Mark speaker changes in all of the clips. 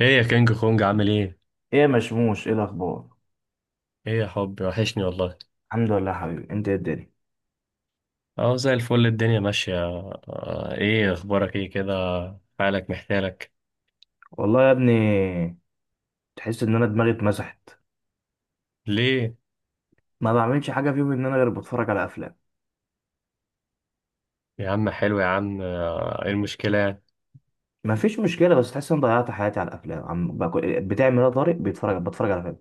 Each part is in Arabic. Speaker 1: ايه يا كينج كونج عامل ايه؟
Speaker 2: ايه يا مشموش، ايه الاخبار؟
Speaker 1: ايه يا حبي وحشني والله.
Speaker 2: الحمد لله يا حبيبي، انت ايه الدنيا؟
Speaker 1: اهو زي الفل الدنيا ماشية. ايه اخبارك ايه كده حالك محتالك؟
Speaker 2: والله يا ابني. تحس ان انا دماغي اتمسحت.
Speaker 1: ليه
Speaker 2: ما بعملش حاجه في يومي ان انا غير بتفرج على افلام.
Speaker 1: يا عم؟ حلو يا عم. ايه المشكلة يعني؟
Speaker 2: ما فيش مشكله، بس تحس ان ضيعت حياتي على الافلام. بتعمل ايه يا طارق؟ بتفرج على فيلم.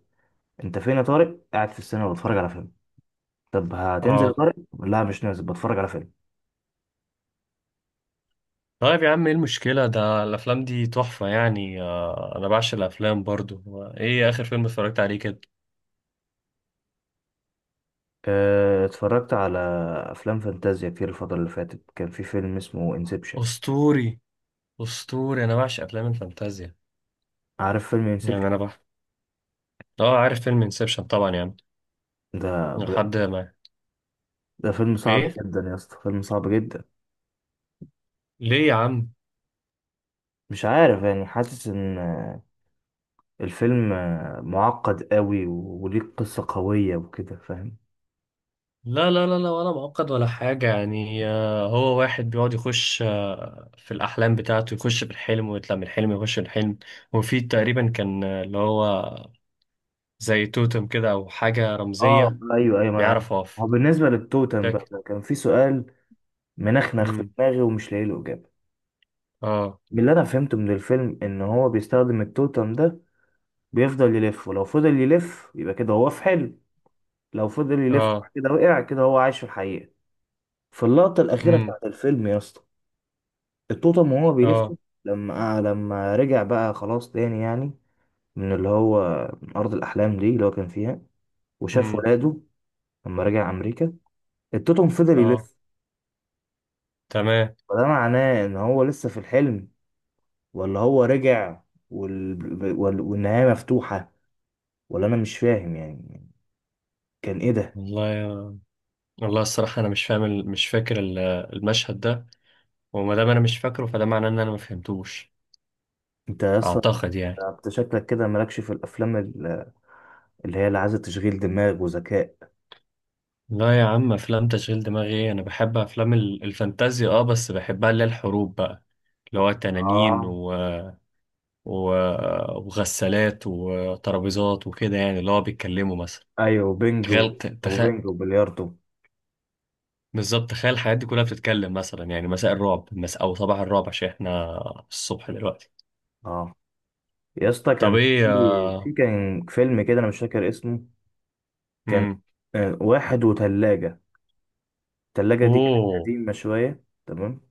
Speaker 2: انت فين يا طارق؟ قاعد في السينما بتفرج على فيلم. طب هتنزل يا
Speaker 1: اه.
Speaker 2: طارق؟ لا، مش نازل، بتفرج على فيلم.
Speaker 1: طيب يا عم ايه المشكلة؟ ده الافلام دي تحفة يعني. انا بعشق الافلام برضو. ايه اخر فيلم اتفرجت عليه كده؟
Speaker 2: اه، اتفرجت على افلام فانتازيا كتير. الفتره اللي فاتت كان في فيلم اسمه انسبشن.
Speaker 1: اسطوري اسطوري. انا بعشق افلام الفانتازيا.
Speaker 2: عارف فيلم انسبشن؟
Speaker 1: يعني انا بح اه عارف فيلم انسبشن طبعا يعني.
Speaker 2: ده بجد.
Speaker 1: لحد ما
Speaker 2: ده فيلم صعب
Speaker 1: ايه
Speaker 2: جدا يا اسطى، فيلم صعب جدا.
Speaker 1: ليه يا عم؟
Speaker 2: مش عارف يعني، حاسس ان الفيلم معقد قوي وليه قصة قوية وكده، فاهم؟
Speaker 1: لا لا لا لا، ولا معقد ولا حاجة يعني. هو واحد بيقعد يخش في الأحلام بتاعته، يخش في الحلم ويطلع من الحلم يخش في الحلم. وفي تقريبا كان، اللي هو زي توتم كده أو حاجة
Speaker 2: اه،
Speaker 1: رمزية
Speaker 2: ايوه، ايوه، ما انا عارف.
Speaker 1: بيعرف أقف
Speaker 2: هو بالنسبة للتوتم
Speaker 1: فاكر؟
Speaker 2: بقى، كان في سؤال منخنخ في
Speaker 1: أمم.
Speaker 2: دماغي ومش لاقي له اجابة.
Speaker 1: أه.
Speaker 2: من اللي انا فهمته من الفيلم، ان هو بيستخدم التوتم ده. بيفضل يلف، ولو فضل يلف يبقى كده هو في حلم. لو فضل يلف
Speaker 1: أه.
Speaker 2: كده وقع، كده هو عايش في الحقيقة. في اللقطة الأخيرة
Speaker 1: أمم.
Speaker 2: بتاعت الفيلم يا اسطى، التوتم وهو بيلف.
Speaker 1: أه.
Speaker 2: لما رجع بقى خلاص تاني يعني، من اللي هو من أرض الأحلام دي اللي هو كان فيها، وشاف
Speaker 1: أمم.
Speaker 2: ولاده. لما رجع أمريكا، التوتم فضل
Speaker 1: أه.
Speaker 2: يلف.
Speaker 1: تمام.
Speaker 2: فده معناه إن هو لسه في الحلم، ولا هو رجع؟ والنهاية مفتوحة، ولا أنا مش فاهم يعني؟ كان إيه ده؟
Speaker 1: والله يا- والله الصراحة أنا مش فاهم مش فاكر المشهد ده. وما دام أنا مش فاكره فده معناه إن أنا ما فهمتوش،
Speaker 2: أنت أصلا،
Speaker 1: أعتقد يعني.
Speaker 2: أنت شكلك كده مالكش في الأفلام اللي هي اللي عايزة تشغيل دماغ وذكاء.
Speaker 1: لا يا عم، افلام تشغيل دماغي ايه؟ انا بحب افلام الفانتازيا اه، بس بحبها اللي هي الحروب بقى، اللي هو تنانين
Speaker 2: آه،
Speaker 1: و... وغسالات وترابيزات وكده، يعني اللي هو بيتكلموا مثلا.
Speaker 2: أيوه بينج
Speaker 1: تخيل
Speaker 2: وبينج وبلياردو.
Speaker 1: بالظبط تخيل الحاجات دي كلها بتتكلم مثلا يعني. مساء الرعب، او صباح الرعب عشان احنا الصبح دلوقتي.
Speaker 2: آه يا اسطى،
Speaker 1: طب
Speaker 2: كان في
Speaker 1: ايه؟
Speaker 2: في كان فيلم كده أنا مش فاكر اسمه. كان
Speaker 1: امم.
Speaker 2: آه، واحد وتلاجة. التلاجة دي كانت
Speaker 1: اوه.
Speaker 2: قديمة شوية، تمام.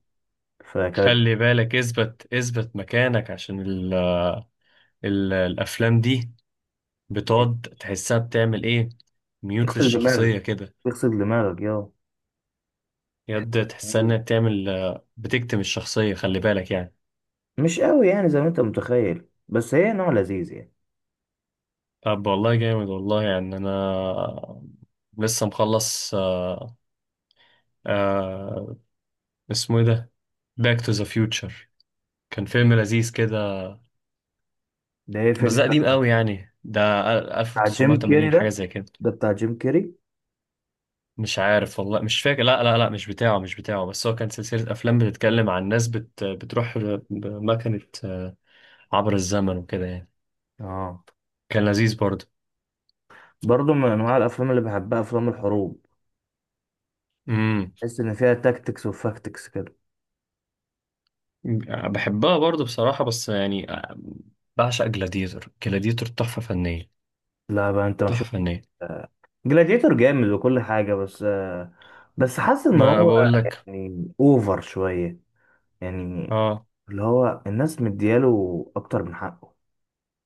Speaker 2: فكانت
Speaker 1: خلي بالك، اثبت اثبت مكانك عشان الافلام دي
Speaker 2: إيه،
Speaker 1: بتقعد تحسها بتعمل ايه؟ ميوت
Speaker 2: تغسل دماغك.
Speaker 1: للشخصية كده،
Speaker 2: تغسل دماغك يا.
Speaker 1: يد تحسها انها بتعمل، بتكتم الشخصية، خلي بالك يعني.
Speaker 2: مش قوي يعني زي ما انت متخيل، بس هي نوع لذيذ يعني.
Speaker 1: طب والله جامد والله يعني. انا لسه مخلص آه. آه. اسمه ايه ده؟ باك تو ذا فيوتشر. كان فيلم لذيذ كده،
Speaker 2: ده ايه
Speaker 1: بس
Speaker 2: فيلم
Speaker 1: ده قديم
Speaker 2: ده؟
Speaker 1: قوي يعني، ده
Speaker 2: بتاع جيم كيري
Speaker 1: 1980
Speaker 2: ده؟
Speaker 1: حاجة زي كده.
Speaker 2: ده بتاع جيم كيري.
Speaker 1: مش عارف والله، مش فاكر. لا لا لا، مش بتاعه مش بتاعه، بس هو كان سلسلة أفلام بتتكلم عن ناس بتروح بمكنة، عبر الزمن وكده يعني.
Speaker 2: اه،
Speaker 1: كان لذيذ برضه.
Speaker 2: برضه من انواع الافلام اللي بحبها افلام الحروب.
Speaker 1: امم.
Speaker 2: تحس ان فيها تاكتكس وفاكتكس كده.
Speaker 1: بحبها برضه بصراحة، بس يعني، بعشق جلاديتور. جلاديتور تحفة فنية،
Speaker 2: لا بقى انت مش.
Speaker 1: تحفة فنية.
Speaker 2: جلاديتور جامد وكل حاجه بس بس حاسس ان
Speaker 1: ما
Speaker 2: هو
Speaker 1: بقول لك.
Speaker 2: يعني اوفر شويه، يعني.
Speaker 1: اه.
Speaker 2: اللي هو الناس مدياله اكتر من حقه.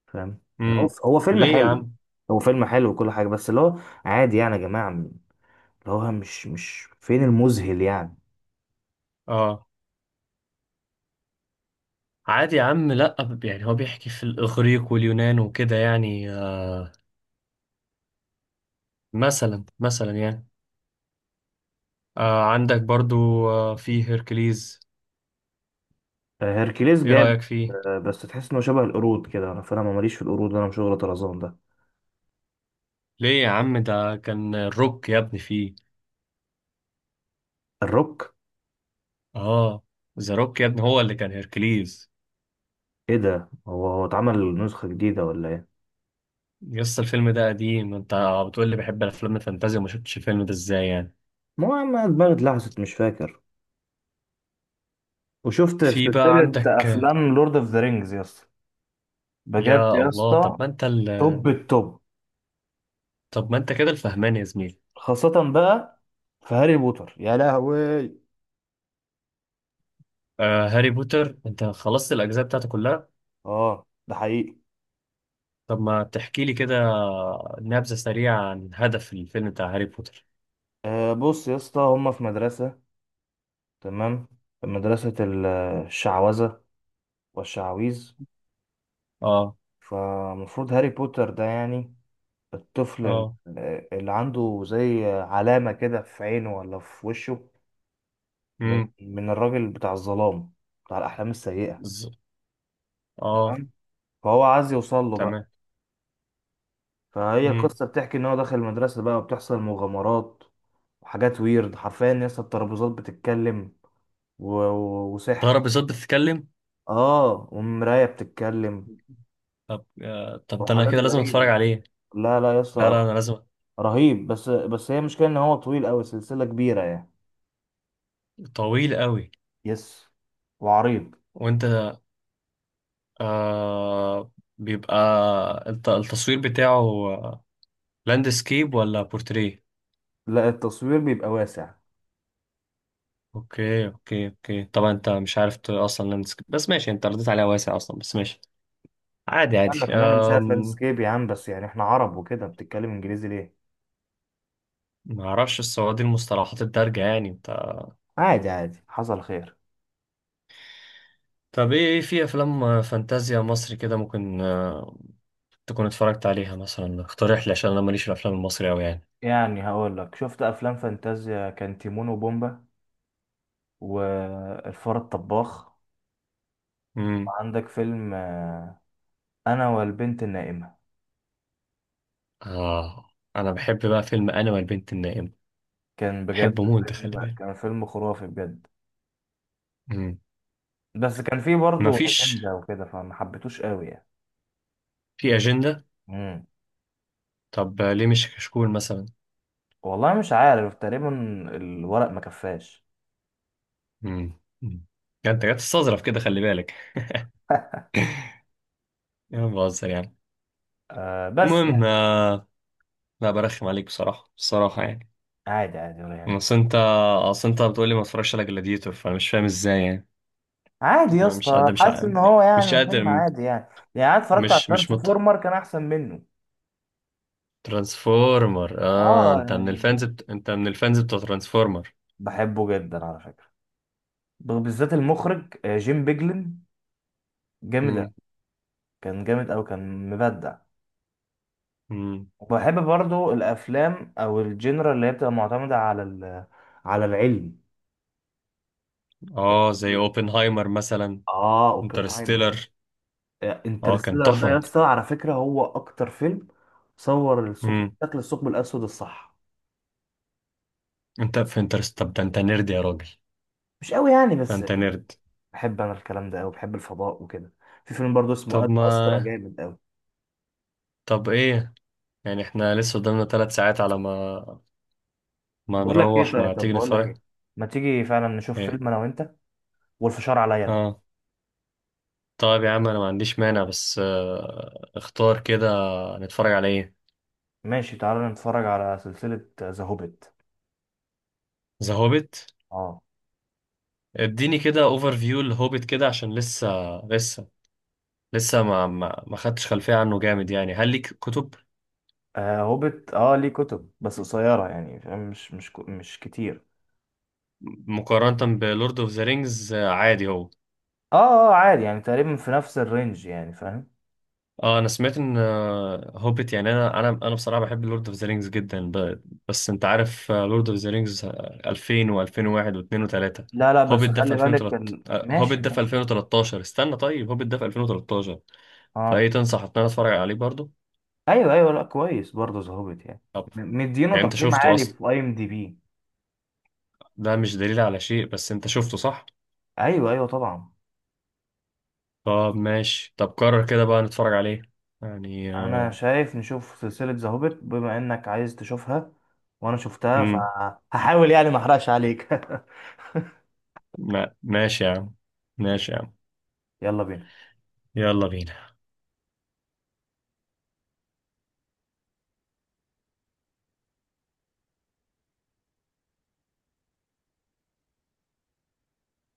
Speaker 2: فاهم يعني، هو
Speaker 1: امم.
Speaker 2: هو فيلم
Speaker 1: ليه يا
Speaker 2: حلو.
Speaker 1: عم؟
Speaker 2: هو فيلم حلو وكل حاجه، بس اللي هو عادي يعني يا جماعه، اللي هو مش فين المذهل يعني.
Speaker 1: اه عادي يا عم؟ لا، يعني هو بيحكي في الإغريق واليونان وكده يعني، آه. مثلا مثلا يعني. آه عندك برضو، آه، في هيركليز.
Speaker 2: آه، هيركليس
Speaker 1: ايه
Speaker 2: جامد.
Speaker 1: رأيك فيه؟
Speaker 2: آه، بس تحس انه شبه القرود كده. فانا ما ماليش في القرود، انا مش شغل طرزان ده.
Speaker 1: ليه يا عم؟ ده كان الروك يا ابني فيه.
Speaker 2: الروك؟
Speaker 1: اه. ذا روك يا ابني هو اللي كان هيركليز.
Speaker 2: ايه ده؟ هو اتعمل نسخه جديده ولا ايه؟
Speaker 1: يس، الفيلم ده قديم. انت بتقول لي بحب الافلام الفانتازيا وما شفتش الفيلم ده؟ ازاي يعني؟
Speaker 2: ما هو عم دماغي اتلحست، مش فاكر. وشفت في
Speaker 1: في بقى
Speaker 2: سلسله
Speaker 1: عندك.
Speaker 2: افلام لورد اوف ذا رينجز يا اسطى؟ بجد
Speaker 1: يا
Speaker 2: يا
Speaker 1: الله، طب
Speaker 2: اسطى.
Speaker 1: ما انت
Speaker 2: توب التوب.
Speaker 1: طب ما انت كده الفهمان يا زميلي.
Speaker 2: خاصة بقى في هاري بوتر يا لهوي.
Speaker 1: آه هاري بوتر، انت خلصت الاجزاء بتاعته كلها؟
Speaker 2: اه، ده حقيقي.
Speaker 1: طب ما تحكي لي كده نبذة سريعة عن هدف الفيلم بتاع هاري بوتر.
Speaker 2: آه، بص يا اسطى، هما في مدرسة. تمام. مدرسة الشعوذة والشعاويذ.
Speaker 1: اه.
Speaker 2: فمفروض هاري بوتر ده يعني الطفل
Speaker 1: اه.
Speaker 2: اللي عنده زي علامة كده في عينه ولا في وشه، من
Speaker 1: امم.
Speaker 2: من الراجل بتاع الظلام، بتاع الأحلام السيئة.
Speaker 1: ز... اه
Speaker 2: تمام. فهو عايز يوصل له بقى.
Speaker 1: تمام.
Speaker 2: فهي
Speaker 1: امم.
Speaker 2: القصة بتحكي إن هو داخل المدرسة بقى وبتحصل مغامرات وحاجات، ويرد حرفيا ناس، الترابيزات بتتكلم، وسحر.
Speaker 1: ضرب بصوت بتتكلم؟
Speaker 2: اه، ومراية بتتكلم
Speaker 1: طب آه، طب ده انا
Speaker 2: وحاجات
Speaker 1: كده لازم اتفرج
Speaker 2: غريبة.
Speaker 1: عليه.
Speaker 2: لا، لا يا
Speaker 1: لا
Speaker 2: اسطى،
Speaker 1: لا، انا لازم.
Speaker 2: رهيب. بس هي مشكلة إن هو طويل أوي، سلسلة كبيرة يعني.
Speaker 1: طويل قوي.
Speaker 2: يس. وعريض.
Speaker 1: وانت، آه بيبقى التصوير بتاعه لاندسكيب ولا بورتريه؟
Speaker 2: لا، التصوير بيبقى واسع.
Speaker 1: اوكي اوكي اوكي. طبعا انت مش عارف اصلا لاندسكيب، بس ماشي، انت رديت عليها واسع اصلا، بس ماشي، عادي عادي.
Speaker 2: قال لك إن أنا مش عارف لاندسكيب يا عم؟ بس يعني إحنا عرب وكده، بتتكلم إنجليزي ليه؟
Speaker 1: ما اعرفش السعودي المصطلحات الدارجة يعني انت.
Speaker 2: عادي، عادي، حصل خير.
Speaker 1: طب ايه؟ في افلام فانتازيا مصري كده ممكن، تكون اتفرجت عليها مثلا؟ اقترح لي عشان انا ماليش في الافلام المصري قوي يعني.
Speaker 2: يعني هقول لك، شفت أفلام فانتازيا، كان تيمون وبومبا والفار الطباخ.
Speaker 1: امم.
Speaker 2: وعندك فيلم أنا والبنت النائمة.
Speaker 1: اه انا بحب بقى فيلم انا والبنت النائمة،
Speaker 2: كان بجد
Speaker 1: بحبه موت ده، خلي
Speaker 2: فيلم،
Speaker 1: بالك.
Speaker 2: كان فيلم خرافي بجد.
Speaker 1: مم.
Speaker 2: بس كان فيه برضه
Speaker 1: مفيش
Speaker 2: أجندة وكده، فما حبيتوش قوي يعني.
Speaker 1: في أجندة.
Speaker 2: مم.
Speaker 1: طب ليه مش كشكول مثلا؟
Speaker 2: والله مش عارف، تقريبا الورق ما كفاش.
Speaker 1: امم. يعني انت جاي تستظرف كده، خلي بالك. يا عم بهزر يعني.
Speaker 2: آه، بس
Speaker 1: المهم،
Speaker 2: يعني
Speaker 1: لا برخم عليك بصراحة، بصراحة يعني.
Speaker 2: عادي، عادي، ولا يعني.
Speaker 1: اصل انت اصل انت بتقول لي ما اتفرجش على جلاديتور، فانا مش فاهم ازاي يعني.
Speaker 2: عادي يا
Speaker 1: أنا مش
Speaker 2: اسطى،
Speaker 1: قادر،
Speaker 2: حاسس ان هو
Speaker 1: مش
Speaker 2: يعني فيلم
Speaker 1: قادر.
Speaker 2: عادي يعني. يعني انا اتفرجت على
Speaker 1: مش مش مت
Speaker 2: ترانسفورمر كان احسن منه.
Speaker 1: ترانسفورمر اه،
Speaker 2: اه،
Speaker 1: انت من الفانز
Speaker 2: يعني
Speaker 1: انت من الفانز بتوع ترانسفورمر.
Speaker 2: بحبه جدا على فكرة، بالذات المخرج جيم بيجلن، جامد.
Speaker 1: امم.
Speaker 2: كان جامد أوي، كان مبدع.
Speaker 1: امم.
Speaker 2: وبحب برضو الأفلام أو الجنرا اللي هي بتبقى معتمدة على العلم.
Speaker 1: اه، زي اوبنهايمر مثلا.
Speaker 2: آه، أوبنهايمر.
Speaker 1: انترستيلر.
Speaker 2: آه،
Speaker 1: اه كان
Speaker 2: انترستيلر ده يا
Speaker 1: تحفة.
Speaker 2: اسطى، على فكرة هو أكتر فيلم صور الثقب، شكل الثقب الأسود الصح.
Speaker 1: انت في طب ده انت نيرد يا راجل،
Speaker 2: مش أوي يعني،
Speaker 1: ده
Speaker 2: بس
Speaker 1: انت نيرد.
Speaker 2: بحب أنا الكلام ده أوي، بحب الفضاء وكده. في فيلم برضو اسمه
Speaker 1: طب
Speaker 2: أد أسترا،
Speaker 1: ما
Speaker 2: جامد أوي.
Speaker 1: طب ايه، يعني احنا لسه قدامنا 3 ساعات، على ما ما نروح ما تيجي
Speaker 2: بقول لك
Speaker 1: نتفرج.
Speaker 2: إيه، ما تيجي فعلا نشوف
Speaker 1: ايه؟
Speaker 2: فيلم أنا وأنت، والفشار عليا أنا.
Speaker 1: اه. طيب يا عم انا ما عنديش مانع، بس، اختار كده نتفرج على ايه.
Speaker 2: ماشي، تعالى نتفرج على سلسلة ذا هوبيت.
Speaker 1: ذا هوبيت.
Speaker 2: آه.
Speaker 1: اديني كده اوفر فيو الهوبيت كده عشان لسه لسه ما خدتش خلفية عنه. جامد يعني؟ هل ليك كتب؟
Speaker 2: آه، هوبت، اه، ليه كتب بس قصيرة يعني، فاهم؟ مش كتير.
Speaker 1: مقارنة بلورد اوف ذا رينجز، عادي هو؟
Speaker 2: اه، اه، عادي يعني تقريبا في نفس الرينج يعني، فاهم؟
Speaker 1: اه انا سمعت ان، هوبيت يعني، انا بصراحه بحب لورد اوف ذا رينجز جدا، بس انت عارف لورد اوف ذا رينجز 2000 و2001 و2 و3،
Speaker 2: لا، لا، بس
Speaker 1: هوبيت ده في
Speaker 2: خلي بالك
Speaker 1: 2013.
Speaker 2: ماشي،
Speaker 1: هوبيت ده
Speaker 2: ماشي.
Speaker 1: في 2013 استنى طيب، هوبيت ده في 2013،
Speaker 2: اه،
Speaker 1: فايه تنصح ان انا اتفرج عليه برضو؟
Speaker 2: ايوه، ايوه، لا كويس برضه ذا هوبت يعني.
Speaker 1: طب
Speaker 2: مدينه
Speaker 1: يعني انت
Speaker 2: تقييم
Speaker 1: شفته
Speaker 2: عالي
Speaker 1: اصلا؟
Speaker 2: في IMDb.
Speaker 1: ده مش دليل على شيء، بس انت شفته صح؟
Speaker 2: ايوه، ايوه، طبعا.
Speaker 1: طب ماشي، طب قرر كده بقى نتفرج عليه يعني.
Speaker 2: انا شايف نشوف سلسلة ذا هوبت بما انك عايز تشوفها، وانا شفتها
Speaker 1: امم.
Speaker 2: فهحاول يعني ما احرقش عليك.
Speaker 1: ماشي يا عم، ماشي يا عم.
Speaker 2: يلا بينا.
Speaker 1: يلا بينا.